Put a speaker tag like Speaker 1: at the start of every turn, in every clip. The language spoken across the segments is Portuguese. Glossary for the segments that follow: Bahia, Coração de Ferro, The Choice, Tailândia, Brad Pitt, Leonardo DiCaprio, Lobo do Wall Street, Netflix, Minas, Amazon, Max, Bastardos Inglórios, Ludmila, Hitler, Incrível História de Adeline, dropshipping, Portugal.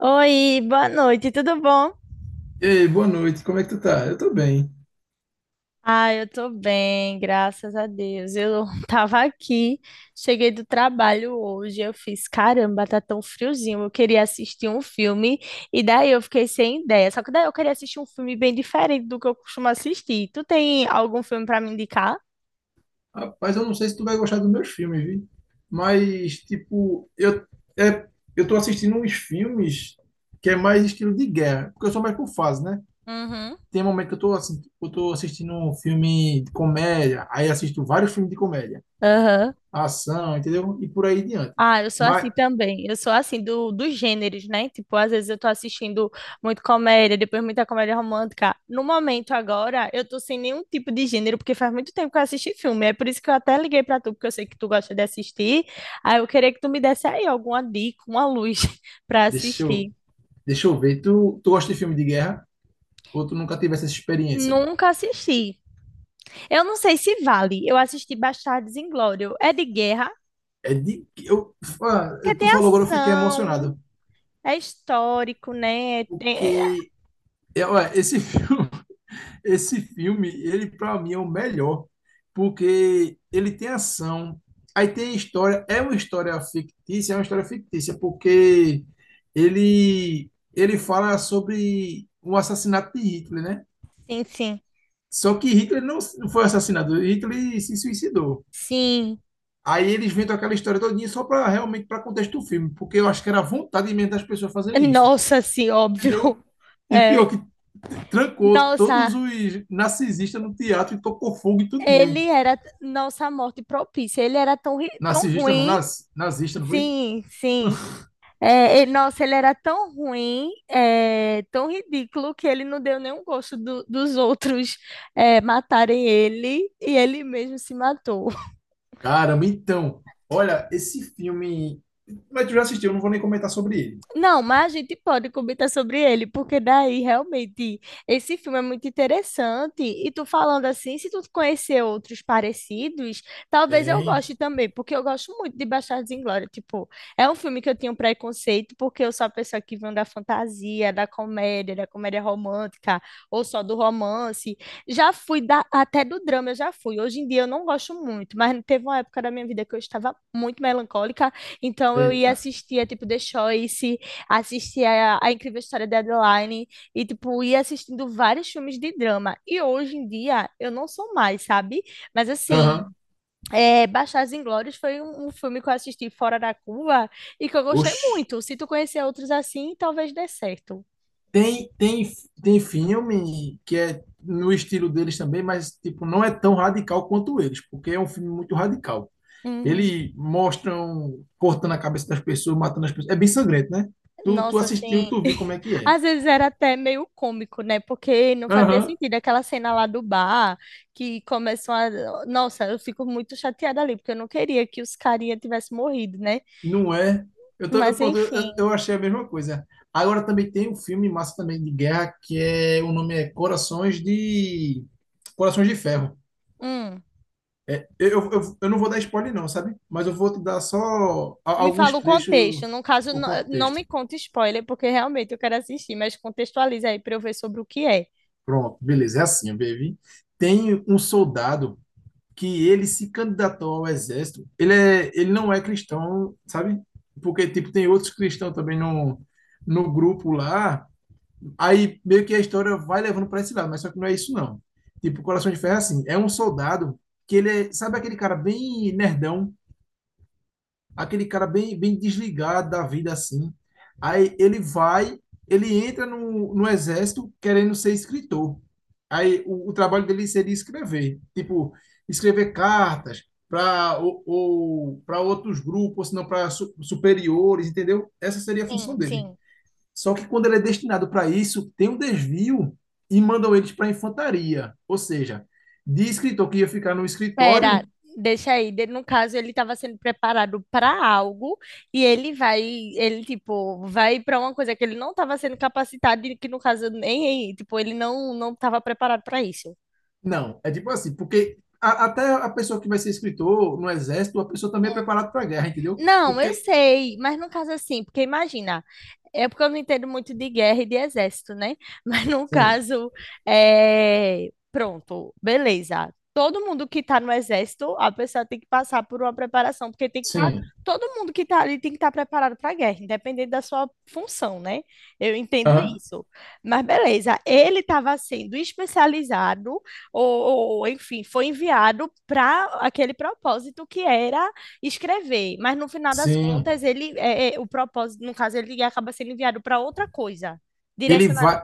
Speaker 1: Oi, boa noite, tudo bom?
Speaker 2: Ei, boa noite, como é que tu tá? Eu tô bem.
Speaker 1: Ah, eu tô bem, graças a Deus. Eu tava aqui, cheguei do trabalho hoje, eu fiz, caramba, tá tão friozinho, eu queria assistir um filme, e daí eu fiquei sem ideia. Só que daí eu queria assistir um filme bem diferente do que eu costumo assistir. Tu tem algum filme pra me indicar?
Speaker 2: Rapaz, eu não sei se tu vai gostar dos meus filmes, viu? Mas, tipo, é, eu tô assistindo uns filmes que é mais estilo de guerra, porque eu sou mais por fase, né?
Speaker 1: Uhum.
Speaker 2: Tem um momento que eu tô assistindo um filme de comédia, aí assisto vários filmes de comédia,
Speaker 1: Aham.
Speaker 2: ação, entendeu? E por aí diante.
Speaker 1: Ah, eu sou
Speaker 2: Mas,
Speaker 1: assim também. Eu sou assim dos gêneros, né? Tipo, às vezes eu tô assistindo muito comédia, depois muita comédia romântica. No momento agora, eu tô sem nenhum tipo de gênero, porque faz muito tempo que eu assisti filme. É por isso que eu até liguei pra tu, porque eu sei que tu gosta de assistir. Aí eu queria que tu me desse aí alguma dica, uma luz pra
Speaker 2: deixa eu,
Speaker 1: assistir.
Speaker 2: deixa eu ver, tu gosta de filme de guerra ou tu nunca teve essa experiência?
Speaker 1: Nunca assisti. Eu não sei se vale. Eu assisti Bastardos Inglórios. É de guerra,
Speaker 2: É de, eu, ah,
Speaker 1: que
Speaker 2: Tu
Speaker 1: tem
Speaker 2: falou agora, eu fiquei
Speaker 1: ação,
Speaker 2: emocionado,
Speaker 1: é histórico, né?
Speaker 2: porque é, ué, esse filme, esse filme, ele para mim é o melhor, porque ele tem ação, aí tem história, é uma história fictícia, porque ele fala sobre o assassinato de Hitler, né?
Speaker 1: Sim, sim.
Speaker 2: Só que Hitler não foi assassinado, Hitler se suicidou.
Speaker 1: Sim.
Speaker 2: Aí eles inventam aquela história todinha só para realmente para contexto do filme, porque eu acho que era vontade mesmo das pessoas fazerem isso.
Speaker 1: Nossa, sim, óbvio.
Speaker 2: Entendeu? E pior
Speaker 1: É.
Speaker 2: que trancou todos
Speaker 1: Nossa,
Speaker 2: os narcisistas no teatro e tocou fogo e tudinho.
Speaker 1: ele era. Nossa, morte propícia. Ele era tão
Speaker 2: Narcisista não,
Speaker 1: ruim.
Speaker 2: nazista, não foi?
Speaker 1: Sim, sim. É, nossa, ele era tão ruim, é, tão ridículo, que ele não deu nenhum gosto dos outros, é, matarem ele e ele mesmo se matou.
Speaker 2: Caramba, então, olha, esse filme. Mas tu já assistiu, eu não vou nem comentar sobre ele.
Speaker 1: Não, mas a gente pode comentar sobre ele, porque daí realmente esse filme é muito interessante. E tu falando assim, se tu conhecer outros parecidos, talvez eu
Speaker 2: Tem.
Speaker 1: goste também, porque eu gosto muito de Bastardos Inglórios. Tipo, é um filme que eu tenho um preconceito, porque eu sou a pessoa que vem da fantasia, da comédia romântica, ou só do romance. Já fui até do drama, eu já fui. Hoje em dia eu não gosto muito, mas teve uma época da minha vida que eu estava muito melancólica, então eu ia
Speaker 2: Eita.
Speaker 1: assistir, é tipo, The Choice, assistia a Incrível História de Adeline e, tipo, ia assistindo vários filmes de drama. E hoje em dia eu não sou mais, sabe? Mas
Speaker 2: Aham.
Speaker 1: assim, é, Bastardos Inglórios foi um filme que eu assisti fora da curva e que eu gostei
Speaker 2: Oxi.
Speaker 1: muito. Se tu conhecer outros assim, talvez dê certo.
Speaker 2: Tem, tem, tem filme que é no estilo deles também, mas tipo, não é tão radical quanto eles, porque é um filme muito radical.
Speaker 1: Uhum.
Speaker 2: Ele mostram cortando a cabeça das pessoas, matando as pessoas. É bem sangrento, né? Tu
Speaker 1: Nossa,
Speaker 2: assistiu,
Speaker 1: assim,
Speaker 2: tu viu como é que é.
Speaker 1: às vezes era até meio cômico, né? Porque não fazia
Speaker 2: Aham,
Speaker 1: sentido aquela cena lá do bar que começam a. Nossa, eu fico muito chateada ali, porque eu não queria que os carinha tivessem morrido, né?
Speaker 2: não é. Eu, tô, eu,
Speaker 1: Mas
Speaker 2: pronto,
Speaker 1: enfim,
Speaker 2: eu achei a mesma coisa. Agora também tem um filme massa também de guerra que é, o nome é Corações de Ferro.
Speaker 1: hum.
Speaker 2: Eu não vou dar spoiler não, sabe? Mas eu vou te dar só
Speaker 1: Me
Speaker 2: alguns
Speaker 1: fala o
Speaker 2: trechos,
Speaker 1: contexto. No caso,
Speaker 2: o
Speaker 1: não, não me
Speaker 2: contexto.
Speaker 1: conta spoiler, porque realmente eu quero assistir, mas contextualiza aí para eu ver sobre o que é.
Speaker 2: Pronto, beleza, é assim, baby. Tem um soldado que ele se candidatou ao exército. Ele não é cristão, sabe? Porque, tipo, tem outros cristãos também no grupo lá. Aí meio que a história vai levando para esse lado, mas só que não é isso, não. Tipo, Coração de Ferro é assim: é um soldado que ele é, sabe aquele cara bem nerdão, aquele cara bem, bem desligado da vida assim. Aí ele entra no exército querendo ser escritor. Aí o trabalho dele seria escrever, tipo, escrever cartas para ou para outros grupos, ou se não para superiores, entendeu? Essa seria a
Speaker 1: Sim,
Speaker 2: função dele.
Speaker 1: sim.
Speaker 2: Só que quando ele é destinado para isso, tem um desvio e mandam eles para a infantaria, ou seja, de escritor que ia ficar no
Speaker 1: Pera,
Speaker 2: escritório.
Speaker 1: deixa aí. No caso, ele estava sendo preparado para algo e ele vai, ele tipo, vai para uma coisa que ele não estava sendo capacitado e que no caso nem, tipo, ele não estava preparado para isso.
Speaker 2: Não, é tipo assim, porque até a pessoa que vai ser escritor no exército, a pessoa também é preparada para a guerra, entendeu?
Speaker 1: Não, eu
Speaker 2: Porque.
Speaker 1: sei, mas no caso assim, porque imagina, é porque eu não entendo muito de guerra e de exército, né? Mas no
Speaker 2: Sim,
Speaker 1: caso, é... pronto, beleza. Todo mundo que está no exército, a pessoa tem que passar por uma preparação, porque tem que estar,
Speaker 2: sim,
Speaker 1: todo mundo que está ali tem que estar preparado para a guerra, independente da sua função, né? Eu entendo
Speaker 2: aham,
Speaker 1: isso. Mas beleza, ele estava sendo especializado enfim, foi enviado para aquele propósito que era escrever, mas no final das
Speaker 2: sim.
Speaker 1: contas o propósito, no caso ele acaba sendo enviado para outra coisa,
Speaker 2: Ele
Speaker 1: direcionado.
Speaker 2: vai.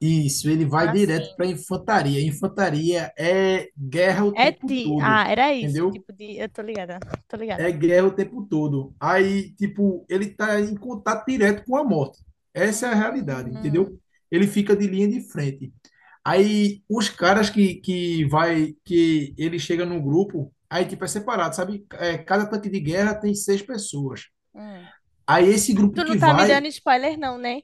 Speaker 2: Isso, ele vai
Speaker 1: Ah,
Speaker 2: direto para
Speaker 1: sim.
Speaker 2: a infantaria. Infantaria é guerra o
Speaker 1: É
Speaker 2: tempo
Speaker 1: ti... Ah,
Speaker 2: todo,
Speaker 1: era isso,
Speaker 2: entendeu?
Speaker 1: tipo de, eu tô ligada, tô ligada.
Speaker 2: É guerra o tempo todo. Aí, tipo, ele tá em contato direto com a morte. Essa é a realidade, entendeu?
Speaker 1: Hum,
Speaker 2: Ele fica de linha de frente. Aí os caras que vai, que ele chega no grupo, aí
Speaker 1: hum,
Speaker 2: tipo é separado, sabe? É, cada tanque de guerra tem seis pessoas.
Speaker 1: hum.
Speaker 2: Aí esse grupo
Speaker 1: Tu não
Speaker 2: que
Speaker 1: tá me
Speaker 2: vai,
Speaker 1: dando spoiler não, né?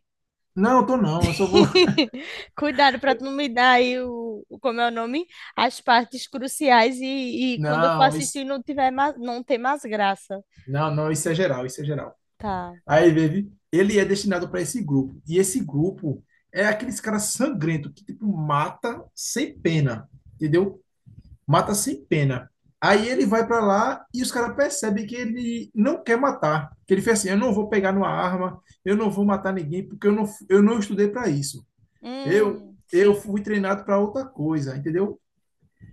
Speaker 2: Não, eu tô não, eu só vou.
Speaker 1: Cuidado pra tu não me dar aí como é o nome, as partes cruciais e quando eu for
Speaker 2: Não,
Speaker 1: assistir
Speaker 2: isso,
Speaker 1: não tiver não tem mais graça.
Speaker 2: não, não, isso é geral, isso é geral.
Speaker 1: Tá.
Speaker 2: Aí, baby, ele é destinado para esse grupo. E esse grupo é aqueles caras sangrentos, que, tipo, mata sem pena, entendeu? Mata sem pena. Aí ele vai para lá e os caras percebem que ele não quer matar. Que ele fez assim: eu não vou pegar numa arma, eu não vou matar ninguém, porque eu não estudei para isso. Eu, eu
Speaker 1: Sim,
Speaker 2: fui treinado para outra coisa, entendeu?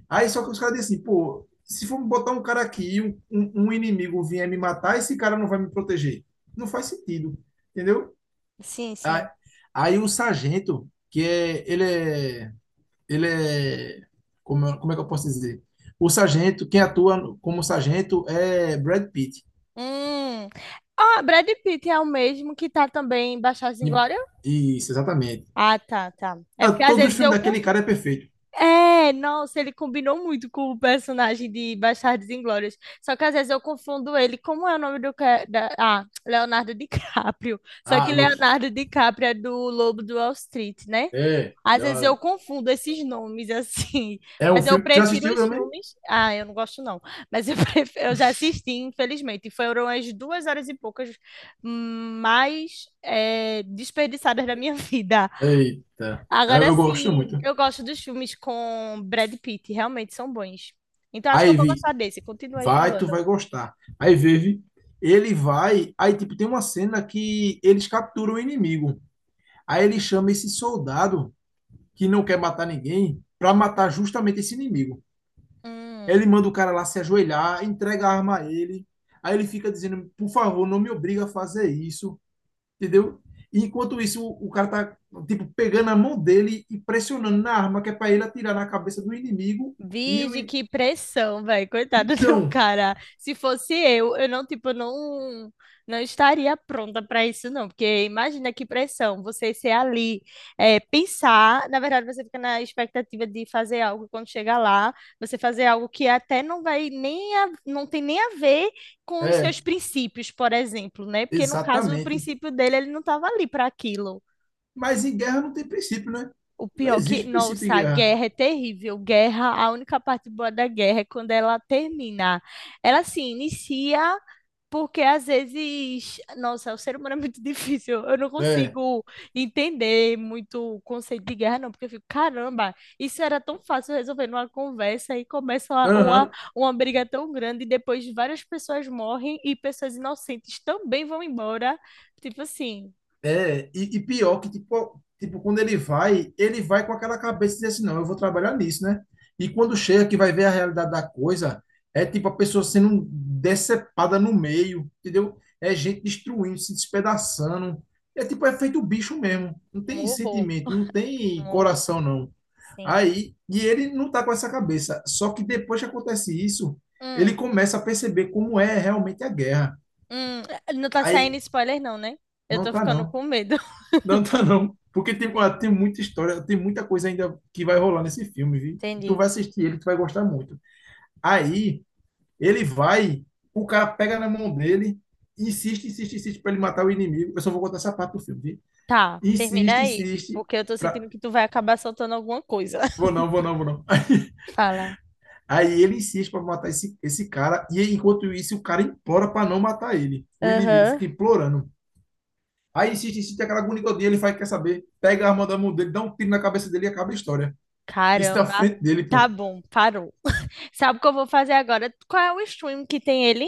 Speaker 2: Aí só que os caras dizem assim: pô, se for botar um cara aqui e um inimigo vier me matar, esse cara não vai me proteger. Não faz sentido, entendeu?
Speaker 1: sim, sim.
Speaker 2: Aí o sargento, que é, ele é, ele é, como, é- como é que eu posso dizer? O sargento, quem atua como sargento é Brad Pitt.
Speaker 1: Hum. Ah, Brad Pitt é o mesmo que tá também em Bastardos Inglórios?
Speaker 2: E- Isso, exatamente.
Speaker 1: Ah, tá, tá. É
Speaker 2: Não,
Speaker 1: porque às
Speaker 2: todos os
Speaker 1: vezes
Speaker 2: filmes
Speaker 1: eu conf...
Speaker 2: daquele cara é perfeito.
Speaker 1: É, nossa, ele combinou muito com o personagem de Bastardos Inglórios. Só que às vezes eu confundo ele. Como é o nome da... Ah, Leonardo DiCaprio. Só
Speaker 2: Ah,
Speaker 1: que Leonardo DiCaprio é do Lobo do Wall Street, né?
Speaker 2: é,
Speaker 1: Às vezes eu
Speaker 2: dá-
Speaker 1: confundo esses nomes assim,
Speaker 2: é um
Speaker 1: mas eu
Speaker 2: filme. Já
Speaker 1: prefiro
Speaker 2: assistiu
Speaker 1: os
Speaker 2: também?
Speaker 1: filmes. Ah, eu não gosto não, mas eu, pref... eu já assisti, infelizmente, e foram as 2 horas e poucas mais desperdiçadas da minha vida.
Speaker 2: Eita, eu,
Speaker 1: Agora
Speaker 2: eu gosto
Speaker 1: sim,
Speaker 2: muito.
Speaker 1: eu gosto dos filmes com Brad Pitt, realmente são bons. Então acho que eu
Speaker 2: Aí
Speaker 1: vou
Speaker 2: vi,
Speaker 1: gostar desse. Continua aí
Speaker 2: Tu vai
Speaker 1: falando.
Speaker 2: gostar. Aí vive, ele vai, aí tipo tem uma cena que eles capturam o inimigo. Aí ele chama esse soldado que não quer matar ninguém para matar justamente esse inimigo. Ele
Speaker 1: Hum.
Speaker 2: manda o cara lá se ajoelhar, entrega a arma a ele. Aí ele fica dizendo, por favor, não me obriga a fazer isso, entendeu? E enquanto isso, o cara tá, tipo, pegando a mão dele e pressionando na arma que é para ele atirar na cabeça do inimigo. E o...
Speaker 1: Vige,
Speaker 2: in-
Speaker 1: que pressão, velho. Coitado do
Speaker 2: Então,
Speaker 1: cara. Se fosse eu não, tipo, não, não estaria pronta para isso, não. Porque imagina que pressão você ser ali, é, pensar. Na verdade, você fica na expectativa de fazer algo quando chegar lá, você fazer algo que até não vai nem não tem nem a ver com os
Speaker 2: é,
Speaker 1: seus princípios, por exemplo, né? Porque no caso, o
Speaker 2: exatamente.
Speaker 1: princípio dele, ele não estava ali para aquilo.
Speaker 2: Mas em guerra não tem princípio, né?
Speaker 1: O
Speaker 2: Não
Speaker 1: pior que,
Speaker 2: existe princípio em
Speaker 1: nossa, a
Speaker 2: guerra.
Speaker 1: guerra é terrível. Guerra, a única parte boa da guerra é quando ela termina. Ela se inicia porque às vezes, nossa, o ser humano é muito difícil. Eu não
Speaker 2: É,
Speaker 1: consigo entender muito o conceito de guerra, não, porque eu fico, caramba, isso era tão fácil resolver numa conversa e começa
Speaker 2: aham.
Speaker 1: uma briga tão grande e depois várias pessoas morrem e pessoas inocentes também vão embora. Tipo assim,
Speaker 2: É, e pior que, tipo, quando ele vai, com aquela cabeça de dizer assim, não, eu vou trabalhar nisso, né? E quando chega que vai ver a realidade da coisa, é tipo a pessoa sendo decepada no meio, entendeu? É gente destruindo, se despedaçando. É tipo, é feito bicho mesmo. Não
Speaker 1: um
Speaker 2: tem
Speaker 1: horror, um
Speaker 2: sentimento, não tem
Speaker 1: horror.
Speaker 2: coração, não.
Speaker 1: Sim.
Speaker 2: Aí, e ele não tá com essa cabeça. Só que depois que acontece isso,
Speaker 1: Hum.
Speaker 2: ele começa a perceber como é realmente a guerra.
Speaker 1: Hum, não tá saindo
Speaker 2: Aí,
Speaker 1: spoiler, não, né? Eu
Speaker 2: não
Speaker 1: tô
Speaker 2: tá,
Speaker 1: ficando
Speaker 2: não.
Speaker 1: com medo.
Speaker 2: Não tá não. Porque tem, ó,
Speaker 1: Sim.
Speaker 2: tem muita história, tem muita coisa ainda que vai rolar nesse filme, viu? Tu
Speaker 1: Entendi.
Speaker 2: vai assistir ele, tu vai gostar muito. Aí, ele vai, o cara pega na mão dele, insiste, insiste, insiste pra ele matar o inimigo. Eu só vou contar essa parte do filme, viu?
Speaker 1: Tá, termina
Speaker 2: Insiste,
Speaker 1: aí,
Speaker 2: insiste
Speaker 1: porque eu tô sentindo
Speaker 2: pra...
Speaker 1: que tu vai acabar soltando alguma coisa.
Speaker 2: Vou não, vou não, vou não.
Speaker 1: Fala.
Speaker 2: Aí ele insiste pra matar esse cara, e enquanto isso, o cara implora pra não matar ele. O inimigo
Speaker 1: Aham.
Speaker 2: fica implorando. Aí insiste, insiste, aquela agonia, ele faz, quer saber, pega a arma da mão dele, dá um tiro na cabeça dele e acaba a história. Isso na
Speaker 1: Caramba.
Speaker 2: frente dele,
Speaker 1: Tá
Speaker 2: pô.
Speaker 1: bom, parou. Sabe o que eu vou fazer agora? Qual é o stream que tem ele?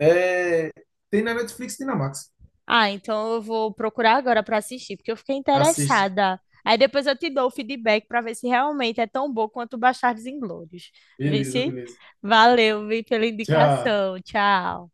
Speaker 2: É, tem na Netflix, tem na Max.
Speaker 1: Ah, então eu vou procurar agora pra assistir, porque eu fiquei
Speaker 2: Assiste.
Speaker 1: interessada. Aí depois eu te dou o feedback pra ver se realmente é tão bom quanto Bastardos Inglórios. Vê
Speaker 2: Beleza,
Speaker 1: se.
Speaker 2: beleza.
Speaker 1: Valeu, vi pela
Speaker 2: Tchau.
Speaker 1: indicação. Tchau.